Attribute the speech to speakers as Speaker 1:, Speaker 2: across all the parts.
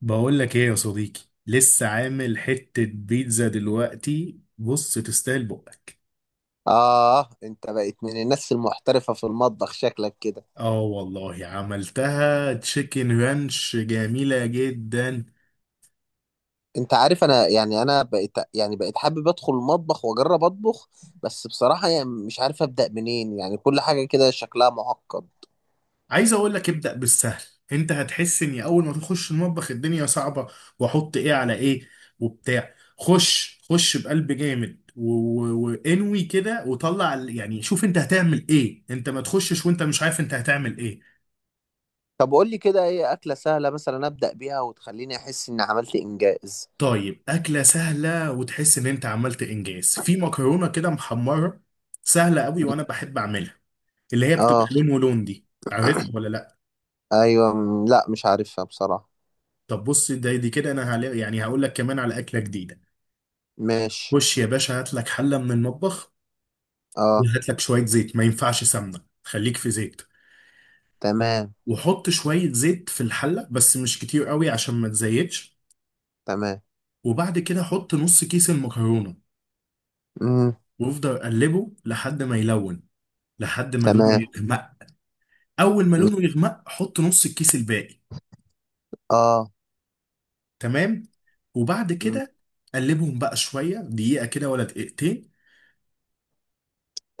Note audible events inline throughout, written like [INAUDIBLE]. Speaker 1: بقول لك ايه يا صديقي. لسه عامل حتة بيتزا دلوقتي، بص تستاهل بقك.
Speaker 2: آه، أنت بقيت من الناس المحترفة في المطبخ شكلك كده.
Speaker 1: اه والله عملتها تشيكن رانش جميلة جدا.
Speaker 2: أنت عارف أنا بقيت حابب أدخل المطبخ وأجرب أطبخ. بس بصراحة يعني مش عارف أبدأ منين، يعني كل حاجة كده شكلها معقد.
Speaker 1: عايز اقول لك ابدأ بالسهل. انت هتحس اني اول ما تخش المطبخ الدنيا صعبة، واحط ايه على ايه وبتاع. خش خش بقلب جامد وانوي كده وطلع يعني شوف انت هتعمل ايه، انت ما تخشش وانت مش عارف انت هتعمل ايه.
Speaker 2: طب قول لي كده إيه أكلة سهلة مثلا أبدأ بيها وتخليني أحس إني عملت إنجاز.
Speaker 1: طيب أكلة سهلة وتحس إن أنت عملت إنجاز، في مكرونة كده محمرة سهلة قوي وأنا بحب أعملها، اللي هي بتبقى
Speaker 2: آه.
Speaker 1: لون ولون دي. عارفها ولا لأ؟
Speaker 2: أيوة، لا مش عارفها بصراحة.
Speaker 1: طب بص، دي كده أنا يعني هقول لك كمان على أكلة جديدة.
Speaker 2: ماشي.
Speaker 1: خش يا باشا هات لك حلة من المطبخ،
Speaker 2: آه.
Speaker 1: وهات لك شوية زيت، ما ينفعش سمنة، خليك في زيت.
Speaker 2: تمام.
Speaker 1: وحط شوية زيت في الحلة بس مش كتير قوي عشان ما تزيتش.
Speaker 2: تمام.
Speaker 1: وبعد كده حط نص كيس المكرونة
Speaker 2: مم.
Speaker 1: وافضل قلبه لحد ما يلون، لحد ما لونه
Speaker 2: تمام.
Speaker 1: يغمق. اول ما
Speaker 2: مم.
Speaker 1: لونه يغمق حط نص الكيس الباقي.
Speaker 2: آه.
Speaker 1: تمام. وبعد
Speaker 2: مم.
Speaker 1: كده قلبهم بقى شويه دقيقه كده ولا دقيقتين.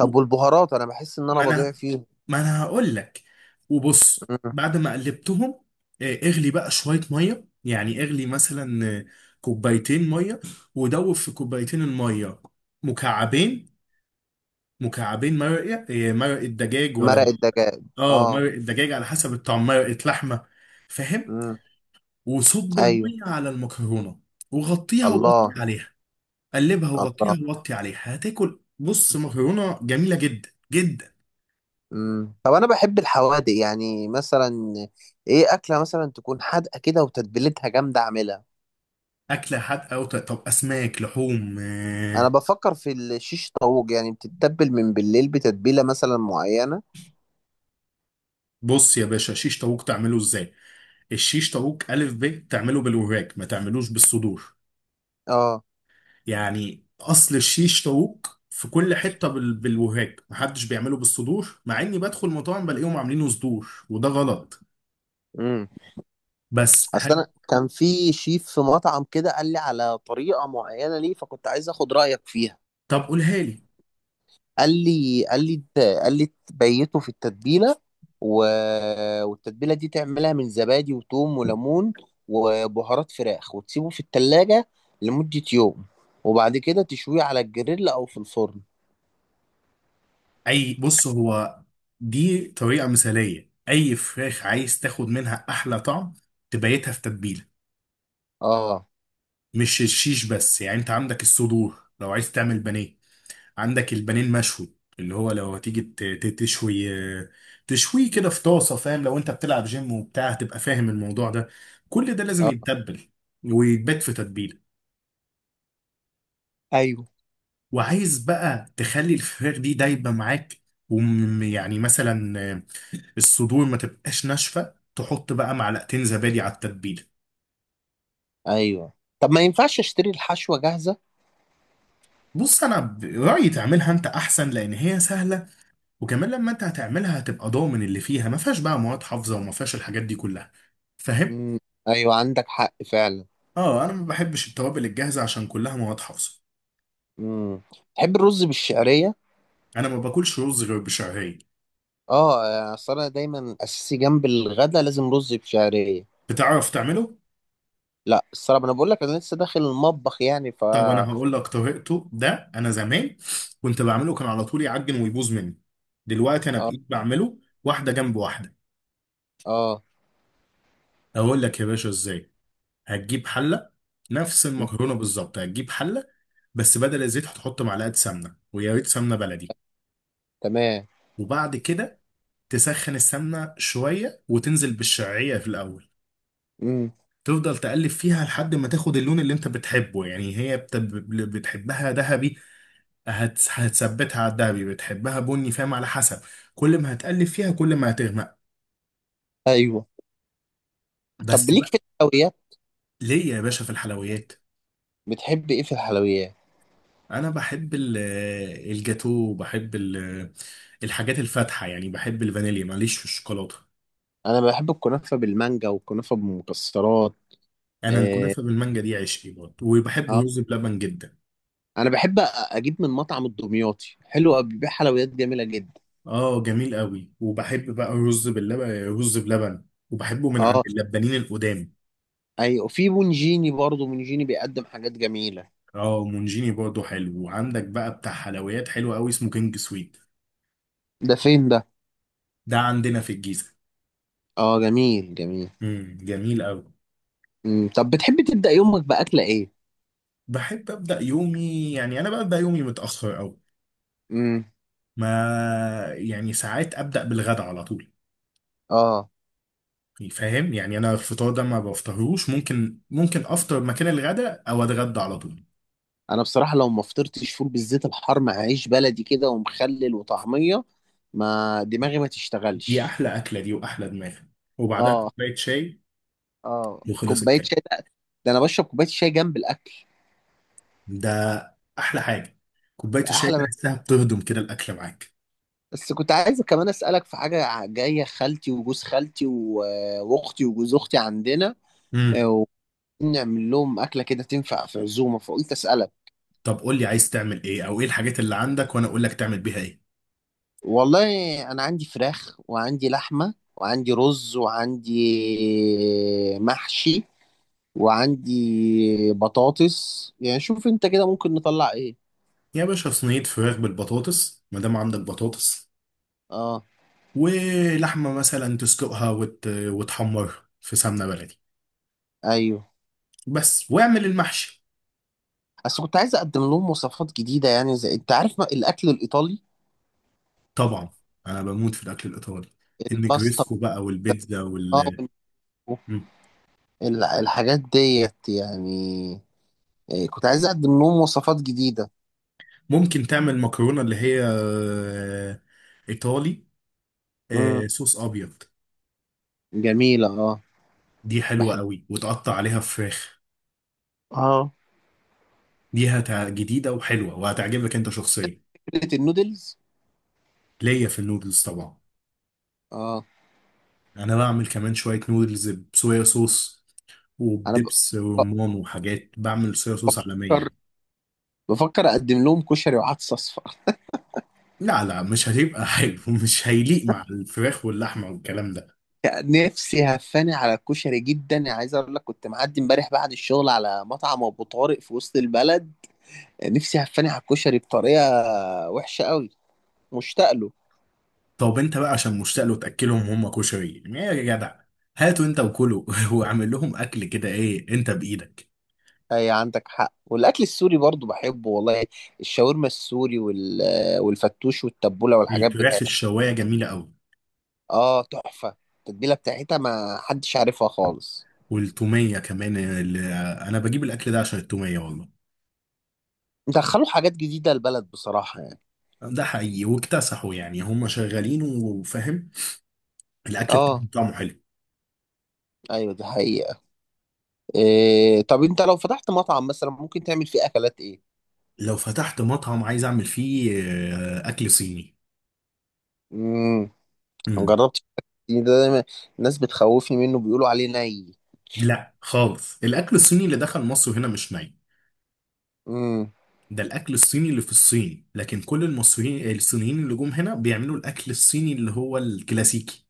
Speaker 1: و...
Speaker 2: والبهارات أنا بحس إن أنا
Speaker 1: ما
Speaker 2: بضيع
Speaker 1: انا
Speaker 2: فيهم.
Speaker 1: ما انا هقول لك. وبص بعد ما قلبتهم اغلي بقى شويه ميه، يعني اغلي مثلا كوبايتين ميه. ودوب في كوبايتين الميه مكعبين، مكعبين مرقه مرقه دجاج ولا،
Speaker 2: مرق الدجاج.
Speaker 1: اه
Speaker 2: اه.
Speaker 1: مرقه دجاج على حسب الطعم، مرقه لحمه، فاهم.
Speaker 2: امم.
Speaker 1: وصب
Speaker 2: ايوه.
Speaker 1: الميه على المكرونه وغطيها ووطي
Speaker 2: الله.
Speaker 1: عليها. قلبها وغطيها
Speaker 2: الله.
Speaker 1: ووطي عليها، هتاكل بص مكرونه جميله جدا جدا.
Speaker 2: امم. طب انا بحب الحوادق، يعني مثلا ايه اكله مثلا تكون حادقه كده وتتبيلتها جامده اعملها.
Speaker 1: اكله حادقه طب، اسماك، لحوم،
Speaker 2: انا
Speaker 1: آه.
Speaker 2: بفكر في الشيش طاووق، يعني بتتبل من بالليل بتتبيله مثلا معينه.
Speaker 1: بص يا باشا شيش طاووق تعمله ازاي. الشيش طاووق الف ب تعمله بالوراك، ما تعملوش بالصدور.
Speaker 2: اه.
Speaker 1: يعني اصل الشيش طاووق في كل حته بالوراك، محدش بيعمله بالصدور، مع اني بدخل مطاعم بلاقيهم عاملينه صدور وده غلط.
Speaker 2: امم.
Speaker 1: بس
Speaker 2: اصل
Speaker 1: هد...
Speaker 2: انا كان في شيف في مطعم كده قال لي على طريقه معينه، ليه فكنت عايز اخد رايك فيها.
Speaker 1: طب قولها لي.
Speaker 2: قال لي تبيته في التتبيله، و... والتتبيله دي تعملها من زبادي وثوم وليمون وبهارات فراخ، وتسيبه في التلاجة لمدة يوم، وبعد كده تشويه على الجريل او في الفرن.
Speaker 1: اي بص هو، دي طريقه مثاليه، اي فراخ عايز تاخد منها احلى طعم تبيتها في تتبيله.
Speaker 2: اه.
Speaker 1: مش الشيش بس، يعني انت عندك الصدور لو عايز تعمل بانيه، عندك البانيه المشوي اللي هو لو هتيجي تشوي، تشويه كده في طاسه فاهم، لو انت بتلعب جيم وبتاع هتبقى فاهم الموضوع ده. كل ده لازم
Speaker 2: اه.
Speaker 1: يتبل ويتبات في تتبيله.
Speaker 2: ايوه.
Speaker 1: وعايز بقى تخلي الفراخ دي دايبه معاك، ويعني مثلا الصدور ما تبقاش ناشفه، تحط بقى معلقتين زبادي على التتبيله.
Speaker 2: ايوه. طب ما ينفعش اشتري الحشوه جاهزه؟
Speaker 1: بص انا برايي تعملها انت احسن لان هي سهله، وكمان لما انت هتعملها هتبقى ضامن اللي فيها، ما فيهاش بقى مواد حافظه وما فيهاش الحاجات دي كلها، فاهم.
Speaker 2: امم. ايوه، عندك حق فعلا.
Speaker 1: اه انا ما بحبش التوابل الجاهزه عشان كلها مواد حافظه.
Speaker 2: امم. تحب الرز بالشعريه؟
Speaker 1: انا ما باكلش رز غير بشعريه.
Speaker 2: اه، اصل انا دايما اساسي جنب الغدا لازم رز بشعريه.
Speaker 1: بتعرف تعمله؟
Speaker 2: لا الصراحه انا بقول لك انا لسه داخل المطبخ، يعني ف
Speaker 1: طب
Speaker 2: اه.
Speaker 1: انا هقول لك طريقته. ده انا زمان كنت بعمله كان على طول يعجن ويبوظ مني، دلوقتي انا بقيت بعمله واحده جنب واحده.
Speaker 2: اه.
Speaker 1: اقول لك يا باشا ازاي. هتجيب حله، نفس
Speaker 2: مم،
Speaker 1: المكرونه بالظبط، هتجيب حله بس بدل الزيت هتحط معلقه سمنه، ويا ريت سمنه بلدي.
Speaker 2: تمام.
Speaker 1: وبعد كده تسخن السمنه شويه وتنزل بالشعريه في الاول.
Speaker 2: امم.
Speaker 1: تفضل تقلب فيها لحد ما تاخد اللون اللي انت بتحبه، يعني هي بتحبها ذهبي هتثبتها على الذهبي، بتحبها بني، فاهم على حسب. كل ما هتقلب فيها كل ما هتغمق.
Speaker 2: ايوه. طب
Speaker 1: بس
Speaker 2: ليك
Speaker 1: بقى.
Speaker 2: في الحلويات؟
Speaker 1: ليه يا باشا في الحلويات؟
Speaker 2: بتحب ايه في الحلويات؟
Speaker 1: انا بحب الجاتو، بحب الحاجات الفاتحه، يعني بحب الفانيليا، معليش في الشوكولاته.
Speaker 2: انا بحب الكنافه بالمانجا والكنافه بالمكسرات.
Speaker 1: انا
Speaker 2: اه.
Speaker 1: الكنافه بالمانجا دي عشقي برضه، وبحب
Speaker 2: آه.
Speaker 1: الرز بلبن جدا.
Speaker 2: انا بحب أ- اجيب من مطعم الدمياطي حلو أوي، بيبيع حلويات جميله جدا.
Speaker 1: اه جميل قوي، وبحب بقى الرز باللبن، رز بلبن، وبحبه من عند
Speaker 2: اه.
Speaker 1: اللبانين القدام.
Speaker 2: ايوه، وفي بونجيني برضه، بونجيني بيقدم حاجات جميله.
Speaker 1: اه مونجيني برضه حلو، وعندك بقى بتاع حلويات حلو قوي اسمه كينج سويت.
Speaker 2: ده فين ده؟
Speaker 1: ده عندنا في الجيزه.
Speaker 2: اه، جميل جميل.
Speaker 1: جميل قوي.
Speaker 2: امم. طب بتحب تبدا يومك باكله ايه؟
Speaker 1: بحب ابدا يومي، يعني انا ببدا يومي متاخر قوي،
Speaker 2: امم.
Speaker 1: ما يعني ساعات ابدا بالغدا على طول،
Speaker 2: اه.
Speaker 1: فاهم. يعني انا الفطار ده ما بفطرهوش، ممكن ممكن افطر مكان الغداء او اتغدى على طول.
Speaker 2: انا بصراحه لو ما فطرتش فول بالزيت الحار مع عيش بلدي كده ومخلل وطعميه، ما دماغي ما
Speaker 1: دي
Speaker 2: تشتغلش.
Speaker 1: احلى اكله دي، واحلى دماغ، وبعدها
Speaker 2: اه.
Speaker 1: كوبايه شاي
Speaker 2: اه،
Speaker 1: وخلص
Speaker 2: كوبايه
Speaker 1: الكلام.
Speaker 2: شاي. ده ده انا بشرب كوبايه شاي جنب الاكل.
Speaker 1: ده احلى حاجه، كوبايه
Speaker 2: ده
Speaker 1: الشاي
Speaker 2: احلى من...
Speaker 1: تحسها بتهضم كده الاكل معاك.
Speaker 2: بس كنت عايز كمان اسالك في حاجه. جايه خالتي وجوز خالتي واختي وجوز اختي عندنا.
Speaker 1: امم.
Speaker 2: آه، ونعمل لهم اكله كده تنفع في عزومه، فقلت اسالك.
Speaker 1: طب قول لي عايز تعمل ايه، او ايه الحاجات اللي عندك وانا اقول لك تعمل بيها ايه.
Speaker 2: والله انا عندي فراخ وعندي لحمه وعندي رز وعندي محشي وعندي بطاطس، يعني شوف انت كده ممكن نطلع ايه.
Speaker 1: يا باشا صينيه فراخ بالبطاطس ما دام عندك بطاطس،
Speaker 2: اه.
Speaker 1: ولحمه مثلا تسلقها وتحمرها في سمنه بلدي
Speaker 2: ايوه،
Speaker 1: بس، واعمل المحشي.
Speaker 2: بس كنت عايز اقدم لهم وصفات جديده، يعني زي انت عارف ما... الاكل الايطالي.
Speaker 1: طبعا انا بموت في الاكل الايطالي،
Speaker 2: الباستا.
Speaker 1: النجريسكو بقى والبيتزا
Speaker 2: اه.
Speaker 1: وال
Speaker 2: وال-
Speaker 1: مم.
Speaker 2: الحاجات ديت يعني. إيه، كنت عايز اقدم لهم وصفات جديده.
Speaker 1: ممكن تعمل مكرونه اللي هي ايطالي
Speaker 2: امم.
Speaker 1: صوص ابيض.
Speaker 2: جميله، اه.
Speaker 1: دي حلوه
Speaker 2: بحب.
Speaker 1: قوي، وتقطع عليها فراخ.
Speaker 2: اه.
Speaker 1: جديده وحلوه وهتعجبك انت شخصيا.
Speaker 2: فكره النودلز.
Speaker 1: ليا في النودلز طبعا،
Speaker 2: اه.
Speaker 1: انا بعمل كمان شويه نودلز بصويا صوص
Speaker 2: انا ب...
Speaker 1: وبدبس رمان وحاجات، بعمل صويا صوص عالميه
Speaker 2: بفكر.
Speaker 1: يعني.
Speaker 2: بفكر اقدم لهم كشري وعدس اصفر.
Speaker 1: لا لا مش هتبقى حلو [LAUGHS] مش هيليق مع الفراخ واللحمه والكلام ده.
Speaker 2: نفسي هفاني على الكشري جدا، يعني عايز اقول لك كنت معدي امبارح بعد الشغل على مطعم ابو طارق في وسط البلد. نفسي هفاني على الكشري بطريقه وحشه قوي، مشتاق له.
Speaker 1: طب انت بقى عشان مشتاق له تاكلهم هم كشري، يعني ايه يا جدع، هاتوا انت وكلوا [LAUGHS] واعمل لهم اكل كده ايه انت بايدك.
Speaker 2: اي عندك حق. والاكل السوري برضو بحبه والله، الشاورما السوري والفتوش والتبوله والحاجات بتاعتها.
Speaker 1: الفراخ الشوايه جميله قوي.
Speaker 2: اه تحفه، التتبيله بتاعتها ما حدش عارفها خالص.
Speaker 1: والتوميه كمان اللي، انا بجيب الاكل ده عشان التوميه والله.
Speaker 2: دخلوا حاجات جديده البلد بصراحه يعني.
Speaker 1: ده حقيقي واكتسحوا، يعني هم شغالين وفاهم، الاكل
Speaker 2: اه.
Speaker 1: بتاعهم طعمه حلو.
Speaker 2: ايوه، دي حقيقه. إيه... طب انت لو فتحت مطعم مثلا، ممكن تعمل فيه اكلات ايه؟
Speaker 1: لو فتحت مطعم عايز اعمل فيه اكل صيني.
Speaker 2: امم. ما
Speaker 1: امم.
Speaker 2: جربتش، ده دايما الناس بتخوفني منه، بيقولوا عليه ني.
Speaker 1: لا خالص الاكل الصيني اللي دخل مصر هنا مش ني،
Speaker 2: امم.
Speaker 1: ده الاكل الصيني اللي في الصين، لكن كل المصريين الصينيين اللي جم هنا بيعملوا الاكل الصيني اللي هو الكلاسيكي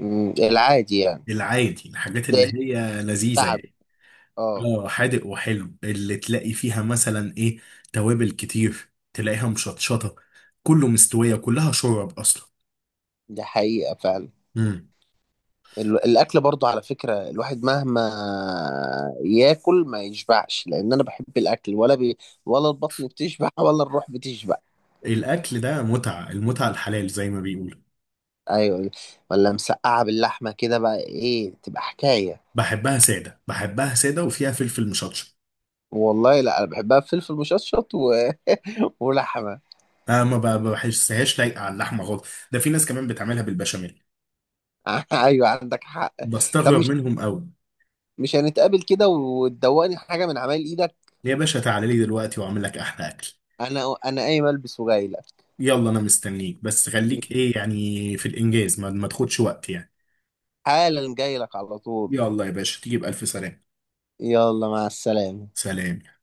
Speaker 2: أمم، العادي يعني.
Speaker 1: العادي، الحاجات
Speaker 2: زي
Speaker 1: اللي
Speaker 2: اللي
Speaker 1: هي لذيذة
Speaker 2: تعب.
Speaker 1: يعني.
Speaker 2: اه.
Speaker 1: اه حادق وحلو، اللي تلاقي فيها مثلا ايه، توابل كتير، تلاقيها مشطشطة، كله مستوية، كلها شورب اصلا.
Speaker 2: ده حقيقة فعلا.
Speaker 1: امم.
Speaker 2: ال- الاكل برضو على فكرة، الواحد مهما ياكل ما يشبعش لان انا بحب الاكل ولا بي، ولا البطن بتشبع [LAUGHS] ولا الروح بتشبع.
Speaker 1: الاكل ده متعة، المتعة الحلال زي ما بيقولوا.
Speaker 2: ايوه. ولا مسقعة باللحمة كده بقى، ايه تبقى حكاية.
Speaker 1: بحبها سادة، بحبها سادة وفيها فلفل مشطشط.
Speaker 2: والله لا انا بحبها بفلفل مشطشط و... [LAUGHS] ولحمة.
Speaker 1: انا ما ب- بحسهاش لايقة على اللحمة خالص، ده في ناس كمان بتعملها بالبشاميل،
Speaker 2: [LAUGHS] ايوه، عندك حق. طب
Speaker 1: بستغرب
Speaker 2: مش
Speaker 1: منهم قوي.
Speaker 2: مش هنتقابل كده وتدوقني حاجة من عمايل ايدك؟
Speaker 1: يا باشا تعالى لي دلوقتي واعمل لك احلى اكل.
Speaker 2: انا قايم البس وجاي لك.
Speaker 1: يلا انا مستنيك، بس خليك ايه يعني في الانجاز، ما تاخدش وقت يعني.
Speaker 2: حالا جاي لك على طول.
Speaker 1: يلا يا باشا تيجي بألف سلامة.
Speaker 2: يلا، مع السلامة.
Speaker 1: سلام.